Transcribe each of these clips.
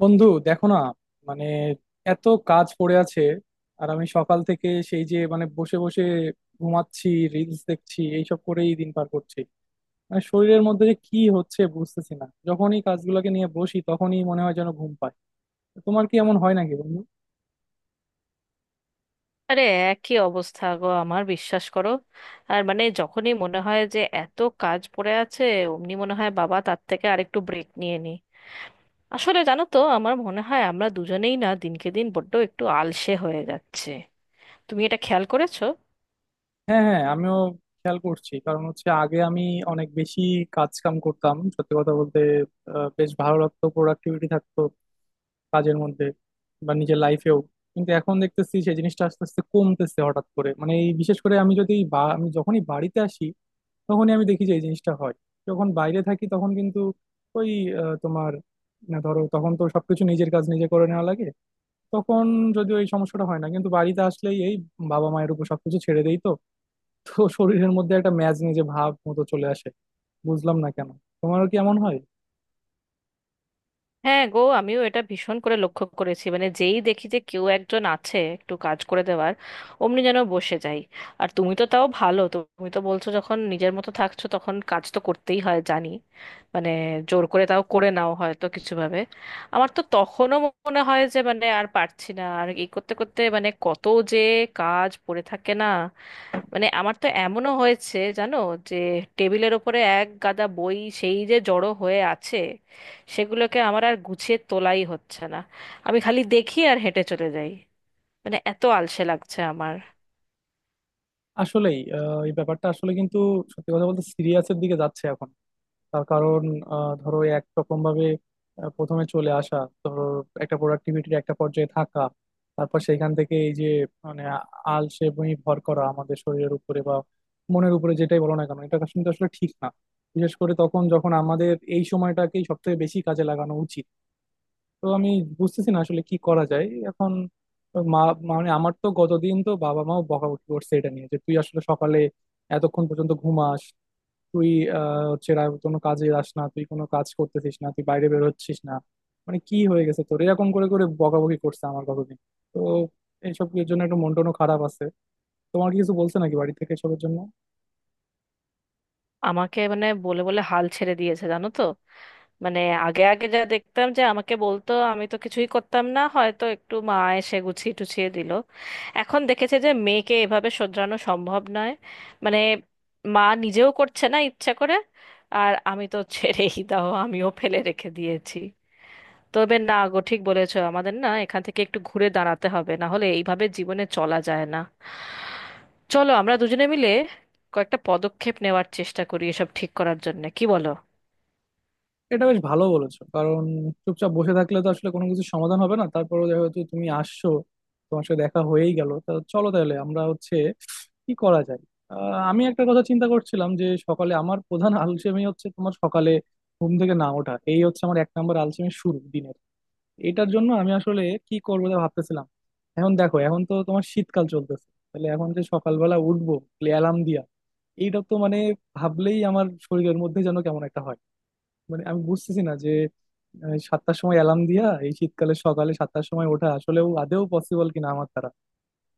বন্ধু, দেখো না, মানে, এত কাজ পড়ে আছে। আর আমি সকাল থেকে সেই যে মানে বসে বসে ঘুমাচ্ছি, রিলস দেখছি, এইসব করেই দিন পার করছি। মানে শরীরের মধ্যে যে কি হচ্ছে বুঝতেছি না, যখনই কাজগুলোকে নিয়ে বসি তখনই মনে হয় যেন ঘুম পায়। তো তোমার কি এমন হয় নাকি বন্ধু? আরে, একই অবস্থা গো, আমার বিশ্বাস করো। আর মানে যখনই মনে হয় যে এত কাজ পড়ে আছে, অমনি মনে হয় বাবা তার থেকে আরেকটু ব্রেক নিয়ে নি। আসলে জানো তো, আমার মনে হয় আমরা দুজনেই না দিনকে দিন বড্ড একটু আলসে হয়ে যাচ্ছে। তুমি এটা খেয়াল করেছো? হ্যাঁ, হ্যাঁ, আমিও খেয়াল করছি। কারণ হচ্ছে আগে আমি অনেক বেশি কাজ কাম করতাম, সত্যি কথা বলতে। বেশ ভালো লাগতো, প্রোডাক্টিভিটি থাকতো কাজের মধ্যে বা নিজের লাইফেও। কিন্তু এখন দেখতেছি সেই জিনিসটা আস্তে আস্তে কমতেছে হঠাৎ করে। মানে এই বিশেষ করে আমি আমি যখনই বাড়িতে আসি তখনই আমি দেখি যে এই জিনিসটা হয়। যখন বাইরে থাকি তখন কিন্তু ওই তোমার, না ধরো, তখন তো সবকিছু নিজের কাজ নিজে করে নেওয়া লাগে। তখন যদিও এই সমস্যাটা হয় না, কিন্তু বাড়িতে আসলেই এই বাবা মায়ের উপর সবকিছু ছেড়ে দেই তো তো শরীরের মধ্যে একটা ম্যাজ নিজে ভাব মতো চলে আসে, বুঝলাম না কেন। তোমারও কি এমন হয়? হ্যাঁ গো, আমিও এটা ভীষণ করে লক্ষ্য করেছি, মানে যেই দেখি যে কেউ একজন আছে একটু কাজ করে দেওয়ার, অমনি যেন বসে যাই। আর তুমি তো তাও ভালো, তুমি তো বলছো যখন নিজের মতো থাকছো তখন কাজ তো করতেই হয় জানি, মানে জোর করে তাও করে নাও হয়তো কিছু ভাবে। আমার তো তখনও মনে হয় যে মানে আর পারছি না, আর এই করতে করতে মানে কত যে কাজ পড়ে থাকে না। মানে আমার তো এমনও হয়েছে জানো, যে টেবিলের ওপরে এক গাদা বই সেই যে জড়ো হয়ে আছে, সেগুলোকে আমার আর গুছিয়ে তোলাই হচ্ছে না। আমি খালি দেখি আর হেঁটে চলে যাই, মানে এত আলসে লাগছে আমার। আসলেই এই ব্যাপারটা আসলে কিন্তু, সত্যি কথা বলতে, সিরিয়াসের দিকে যাচ্ছে এখন। তার কারণ ধরো একরকম ভাবে প্রথমে চলে আসা, ধরো, একটা প্রোডাক্টিভিটির একটা পর্যায়ে থাকা, তারপর সেইখান থেকে এই যে মানে আ- আলসে বমি ভর করা আমাদের শরীরের উপরে বা মনের উপরে, যেটাই বলো না কেন, এটা কিন্তু আসলে ঠিক না। বিশেষ করে তখন যখন আমাদের এই সময়টাকেই সব থেকে বেশি কাজে লাগানো উচিত। তো আমি বুঝতেছি না আসলে কি করা যায় এখন। মা মানে আমার তো গতদিন তো বাবা মাও বকাবকি করছে এটা নিয়ে যে তুই আসলে সকালে এতক্ষণ পর্যন্ত ঘুমাস, তুই কোনো কাজে যাস না, তুই কোনো কাজ করতেছিস না, তুই বাইরে বের হচ্ছিস না, মানে কি হয়ে গেছে তোর, এরকম করে করে বকাবকি করছে আমার কতদিন। তো এইসব এর জন্য একটু মন টনও খারাপ আছে। তোমার কি কিছু বলছে নাকি বাড়ি থেকে এসবের জন্য? আমাকে মানে বলে বলে হাল ছেড়ে দিয়েছে জানো তো। মানে আগে আগে যা দেখতাম যে আমাকে বলতো, আমি তো কিছুই করতাম না, হয়তো একটু মা এসে গুছিয়ে টুছিয়ে দিল। এখন দেখেছে যে মেয়েকে এভাবে শোধরানো সম্ভব নয়। মানে মা নিজেও করছে না ইচ্ছা করে। আর আমি তো ছেড়েই দাও, আমিও ফেলে রেখে দিয়েছি। তবে না গো, ঠিক বলেছো, আমাদের না এখান থেকে একটু ঘুরে দাঁড়াতে হবে, না হলে এইভাবে জীবনে চলা যায় না। চলো আমরা দুজনে মিলে কয়েকটা পদক্ষেপ নেওয়ার চেষ্টা করি এসব ঠিক করার জন্য, কি বলো? এটা বেশ ভালো বলেছো। কারণ চুপচাপ বসে থাকলে তো আসলে কোনো কিছু সমাধান হবে না। তারপরে যেহেতু তুমি আসছো, তোমার সাথে দেখা হয়েই গেল, তা চলো তাহলে আমরা হচ্ছে কি করা যায়। আহ, আমি একটা কথা চিন্তা করছিলাম যে সকালে আমার প্রধান আলসেমি হচ্ছে, তোমার সকালে ঘুম থেকে না ওঠা, এই হচ্ছে আমার 1 নম্বর আলসেমি শুরু দিনের। এটার জন্য আমি আসলে কি করবো তা ভাবতেছিলাম। এখন দেখো, এখন তো তোমার শীতকাল চলতেছে, তাহলে এখন যে সকালবেলা উঠবো অ্যালার্ম দিয়া, এইটা তো মানে ভাবলেই আমার শরীরের মধ্যে যেন কেমন একটা হয়। মানে আমি বুঝতেছি না যে 7টার সময় অ্যালার্ম দিয়া এই শীতকালে সকালে 7টার সময় ওঠা আসলেও আদেও পসিবল কিনা আমার দ্বারা।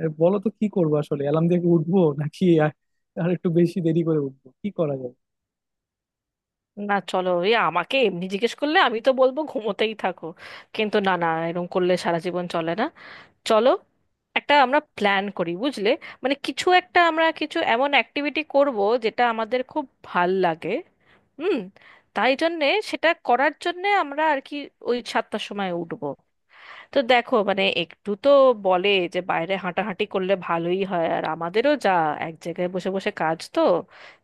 বলো তো কি করবো আসলে, অ্যালার্ম দিয়ে কি উঠবো নাকি আর আর একটু বেশি দেরি করে উঠবো, কি করা যায়? না, চলো, এ আমাকে এমনি জিজ্ঞেস করলে আমি তো বলবো ঘুমোতেই থাকো, কিন্তু না না, এরকম করলে সারা জীবন চলে না। চলো একটা আমরা প্ল্যান করি বুঝলে। মানে কিছু একটা, আমরা কিছু এমন অ্যাক্টিভিটি করব যেটা আমাদের খুব ভাল লাগে। হুম। তাই জন্যে সেটা করার জন্যে আমরা আর কি ওই সাতটার সময় উঠবো। তো দেখো মানে একটু তো বলে যে বাইরে হাঁটাহাঁটি করলে ভালোই হয়, আর আমাদেরও যা এক জায়গায় বসে বসে কাজ তো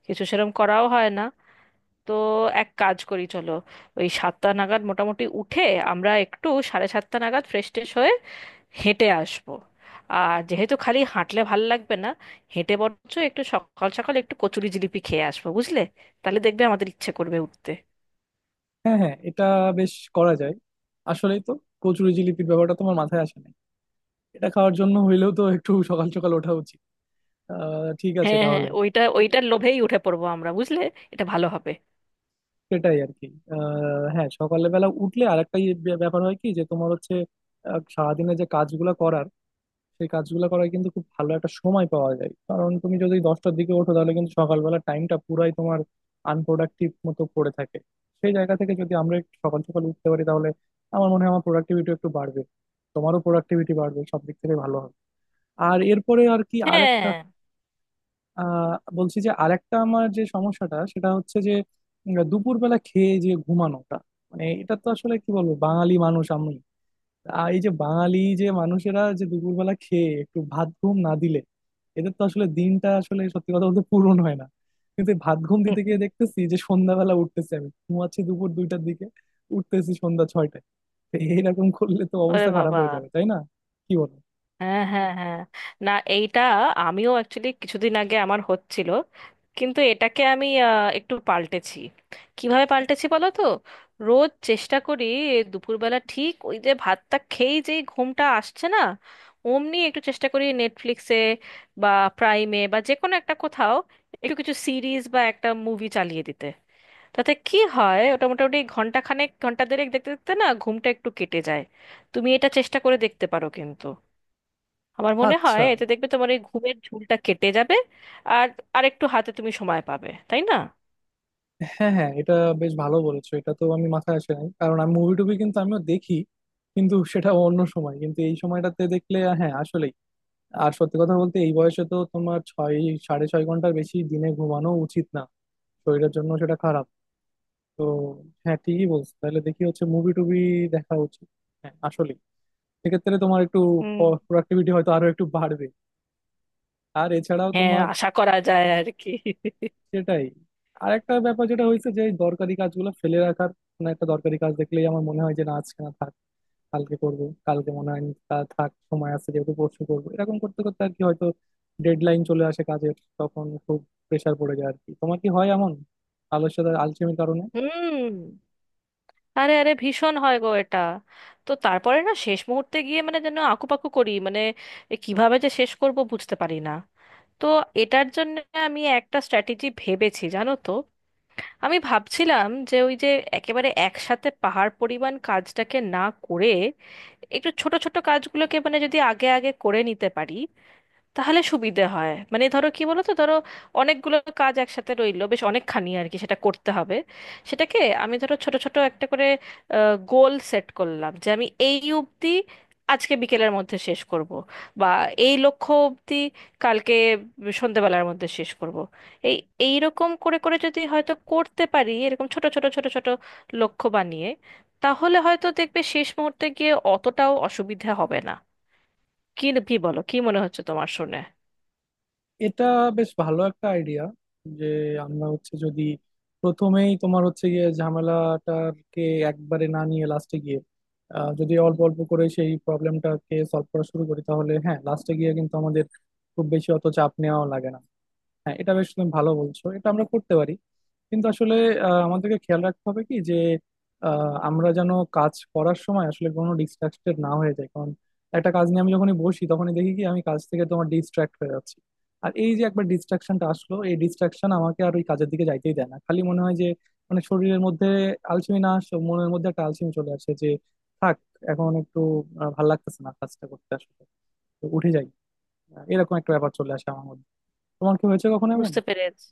কিছু সেরকম করাও হয় না। তো এক কাজ করি চলো, ওই সাতটা নাগাদ মোটামুটি উঠে আমরা একটু সাড়ে সাতটা নাগাদ ফ্রেশ ট্রেশ হয়ে হেঁটে আসবো। আর যেহেতু খালি হাঁটলে ভাল লাগবে না, হেঁটে বরঞ্চ একটু সকাল সকাল একটু কচুরি জিলিপি খেয়ে আসবো বুঝলে। তাহলে দেখবে আমাদের ইচ্ছে করবে উঠতে। হ্যাঁ, হ্যাঁ, এটা বেশ করা যায়। আসলেই তো, কচুরি জিলিপির ব্যাপারটা তোমার মাথায় আসে নাই। এটা খাওয়ার জন্য হইলেও তো একটু সকাল সকাল ওঠা উচিত। ঠিক আছে হ্যাঁ হ্যাঁ, তাহলে। ওইটা ওইটার লোভেই উঠে পড়বো আমরা বুঝলে। এটা ভালো হবে। সেটাই আর কি। হ্যাঁ, সকালবেলা উঠলে আর একটা ব্যাপার হয় কি যে তোমার হচ্ছে সারাদিনে যে কাজগুলো করার সেই কাজগুলো করার কিন্তু খুব ভালো একটা সময় পাওয়া যায়। কারণ তুমি যদি 10টার দিকে ওঠো, তাহলে কিন্তু সকালবেলা টাইমটা পুরাই তোমার আনপ্রোডাক্টিভ মতো পড়ে থাকে। সেই জায়গা থেকে যদি আমরা একটু সকাল সকাল উঠতে পারি তাহলে আমার মনে হয় আমার প্রোডাক্টিভিটি একটু বাড়বে, তোমারও প্রোডাক্টিভিটি বাড়বে, সব দিক থেকে ভালো হবে। আর এরপরে আর কি আরেকটা হ্যাঁ। বলছি যে আরেকটা আমার যে সমস্যাটা সেটা হচ্ছে যে, দুপুরবেলা খেয়ে যে ঘুমানোটা, মানে এটা তো আসলে কি বলবো, বাঙালি মানুষ আমি। এই যে বাঙালি যে মানুষেরা যে দুপুরবেলা খেয়ে একটু ভাত ঘুম না দিলে এদের তো আসলে দিনটা আসলে সত্যি কথা বলতে পূরণ হয় না। কিন্তু এই ভাত ঘুম দিতে গিয়ে দেখতেছি যে সন্ধ্যাবেলা উঠতেছি, আমি ঘুমাচ্ছি দুপুর 2টার দিকে, উঠতেছি সন্ধ্যা 6টায়। তো এইরকম করলে তো ওরে অবস্থা খারাপ বাবা। হয়ে যাবে, তাই না? কি বলো? হ্যাঁ হ্যাঁ হ্যাঁ, না এইটা আমিও অ্যাকচুয়ালি কিছুদিন আগে আমার হচ্ছিল। কিন্তু এটাকে আমি একটু পাল্টেছি। কিভাবে পাল্টেছি বলো তো। রোজ চেষ্টা করি দুপুরবেলা ঠিক ওই যে ভাতটা খেয়েই যেই ঘুমটা আসছে না, অমনি একটু চেষ্টা করি নেটফ্লিক্সে বা প্রাইমে বা যে কোনো একটা কোথাও একটু কিছু সিরিজ বা একটা মুভি চালিয়ে দিতে। তাতে কি হয়, ওটা মোটামুটি ঘন্টা খানেক ঘন্টা দেড়েক দেখতে দেখতে না ঘুমটা একটু কেটে যায়। তুমি এটা চেষ্টা করে দেখতে পারো কিন্তু। আমার মনে হয় আচ্ছা। এতে দেখবে তোমার এই ঘুমের ঝুলটা কেটে যাবে। আর আর একটু হাতে তুমি সময় পাবে, তাই না। হ্যাঁ, হ্যাঁ, এটা বেশ ভালো বলেছো। এটা তো আমি মাথায় আসে নাই, কারণ আমি মুভি টুভি কিন্তু আমিও দেখি, কিন্তু সেটা অন্য সময়, কিন্তু এই সময়টাতে দেখলে হ্যাঁ আসলে। আর সত্যি কথা বলতে এই বয়সে তো তোমার 6 সাড়ে 6 ঘন্টার বেশি দিনে ঘুমানো উচিত না, শরীরের জন্য সেটা খারাপ। তো হ্যাঁ, ঠিকই বলছো, তাহলে দেখি হচ্ছে মুভি টুভি দেখা উচিত। হ্যাঁ আসলে সেক্ষেত্রে তোমার একটু হুম। প্রোডাক্টিভিটি হয়তো আরো একটু বাড়বে। আর এছাড়াও হ্যাঁ, তোমার আশা করা যায় আর কি। সেটাই। আর একটা ব্যাপার যেটা হয়েছে যে এই দরকারি কাজগুলো ফেলে রাখার, কোনো একটা দরকারি কাজ দেখলেই আমার মনে হয় যে না আজকে না থাক, কালকে করব। কালকে মনে হয় তা থাক, সময় আছে যেহেতু পরশু করবো, এরকম করতে করতে আর কি হয়তো ডেডলাইন চলে আসে কাজের, তখন খুব প্রেসার পড়ে যায় আর কি। তোমার কি হয় এমন আলস্যতার আলসেমির কারণে? হুম। আরে আরে, ভীষণ হয় গো এটা। তো তারপরে না শেষ মুহূর্তে গিয়ে মানে যেন আকুপাকু করি, মানে এ কিভাবে যে শেষ করব বুঝতে পারি না। তো এটার জন্য আমি একটা স্ট্র্যাটেজি ভেবেছি জানো তো। আমি ভাবছিলাম যে ওই যে একেবারে একসাথে পাহাড় পরিমাণ কাজটাকে না করে একটু ছোট ছোট কাজগুলোকে মানে যদি আগে আগে করে নিতে পারি তাহলে সুবিধে হয়। মানে ধরো, কি বলো তো, ধরো অনেকগুলো কাজ একসাথে রইলো বেশ অনেকখানি আর কি, সেটা করতে হবে। সেটাকে আমি ধরো ছোট ছোট একটা করে গোল সেট করলাম যে আমি এই অবধি আজকে বিকেলের মধ্যে শেষ করব, বা এই লক্ষ্য অবধি কালকে সন্ধ্যেবেলার মধ্যে শেষ করব। এই এই রকম করে করে যদি হয়তো করতে পারি এরকম ছোট ছোট ছোট ছোট লক্ষ্য বানিয়ে, তাহলে হয়তো দেখবে শেষ মুহূর্তে গিয়ে অতটাও অসুবিধা হবে না। কি কি বলো, কি মনে হচ্ছে তোমার শুনে? এটা বেশ ভালো একটা আইডিয়া, যে আমরা হচ্ছে যদি প্রথমেই তোমার হচ্ছে গিয়ে ঝামেলাটাকে একবারে না নিয়ে লাস্টে গিয়ে যদি অল্প অল্প করে সেই প্রবলেমটাকে সলভ করা শুরু করি তাহলে হ্যাঁ লাস্টে গিয়ে কিন্তু আমাদের খুব বেশি অত চাপ নেওয়াও লাগে না। হ্যাঁ, এটা বেশ, তুমি ভালো বলছো, এটা আমরা করতে পারি। কিন্তু আসলে আমাদেরকে খেয়াল রাখতে হবে কি যে আমরা যেন কাজ করার সময় আসলে কোনো ডিস্ট্রাক্টেড না হয়ে যায়। কারণ একটা কাজ নিয়ে আমি যখনই বসি তখনই দেখি কি আমি কাজ থেকে তোমার ডিস্ট্রাক্ট হয়ে যাচ্ছি। আর এই যে একবার ডিস্ট্রাকশনটা আসলো, এই ডিস্ট্রাকশন আমাকে আর ওই কাজের দিকে যাইতেই দেয় না। খালি মনে হয় যে মানে শরীরের মধ্যে আলসেমি না আসে, মনের মধ্যে একটা আলসেমি চলে আসে যে থাক, এখন একটু ভাল লাগতেছে না কাজটা করতে আসলে, তো উঠে যাই। এরকম একটা ব্যাপার চলে আসে আমার মধ্যে। তোমার কি হয়েছে কখনো এমন? বুঝতে পেরেছি।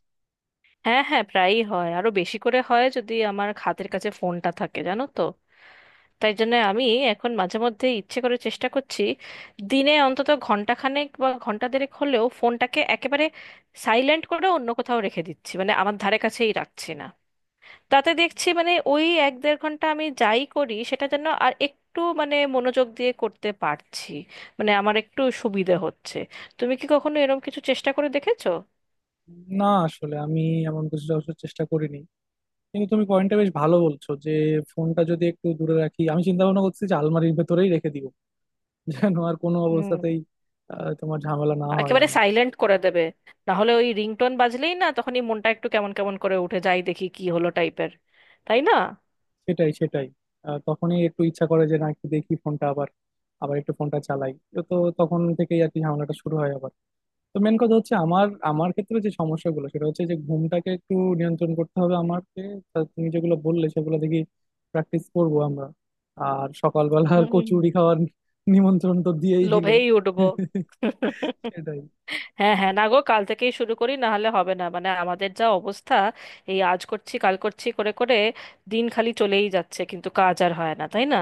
হ্যাঁ হ্যাঁ, প্রায়ই হয়, আরো বেশি করে হয় যদি আমার হাতের কাছে ফোনটা থাকে জানো তো। তাই জন্য আমি এখন মাঝে মধ্যে ইচ্ছে করে চেষ্টা করছি দিনে অন্তত ঘন্টাখানেক বা ঘন্টা দেড়েক হলেও ফোনটাকে একেবারে সাইলেন্ট করে অন্য কোথাও রেখে দিচ্ছি, মানে আমার ধারে কাছেই রাখছি না। তাতে দেখছি মানে ওই এক দেড় ঘন্টা আমি যাই করি সেটা যেন আর একটু মানে মনোযোগ দিয়ে করতে পারছি, মানে আমার একটু সুবিধে হচ্ছে। তুমি কি কখনো এরকম কিছু চেষ্টা করে দেখেছো? না আসলে আমি এমন কিছু অবশ্য চেষ্টা করিনি। কিন্তু তুমি পয়েন্টটা বেশ ভালো বলছো, যে ফোনটা যদি একটু দূরে রাখি। আমি চিন্তা ভাবনা করছি যে আলমারির ভেতরেই রেখে দিব যেন আর কোনো হুম। অবস্থাতেই তোমার ঝামেলা না হয় একেবারে আমার। সাইলেন্ট করে দেবে, না হলে ওই রিংটোন বাজলেই না তখনই মনটা একটু কেমন কেমন করে উঠে যাই দেখি কি হলো টাইপের, তাই না। সেটাই, সেটাই। তখনই একটু ইচ্ছা করে যে না একটু দেখি ফোনটা, আবার আবার একটু ফোনটা চালাই। তো তখন থেকেই আর কি ঝামেলাটা শুরু হয় আবার। তো মেন কথা হচ্ছে আমার আমার ক্ষেত্রে যে সমস্যাগুলো সেটা হচ্ছে যে ঘুমটাকে একটু নিয়ন্ত্রণ করতে হবে আমাকে। তা তুমি যেগুলো বললে সেগুলো দেখি প্র্যাকটিস করব আমরা। আর সকালবেলা আর হুম হুম, হুম। কচুরি খাওয়ার নিমন্ত্রণ তো দিয়েই দিলে। লোভেই উঠবো। সেটাই, হ্যাঁ হ্যাঁ, না গো, কাল থেকেই শুরু করি, না হলে হবে না, মানে আমাদের যা অবস্থা। এই আজ করছি কাল করছি করে করে দিন খালি চলেই যাচ্ছে, কিন্তু কাজ আর হয় না, তাই না।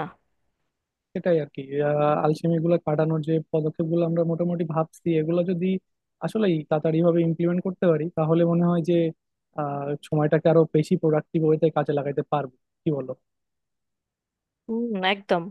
সেটাই আর কি। আলসেমি গুলো কাটানোর যে পদক্ষেপ গুলো আমরা মোটামুটি ভাবছি, এগুলো যদি আসলে তাড়াতাড়ি ভাবে ইমপ্লিমেন্ট করতে পারি তাহলে মনে হয় যে সময়টাকে আরো বেশি প্রোডাক্টিভ ওয়েতে কাজে লাগাতে পারবো। কি বলো? হুম একদম।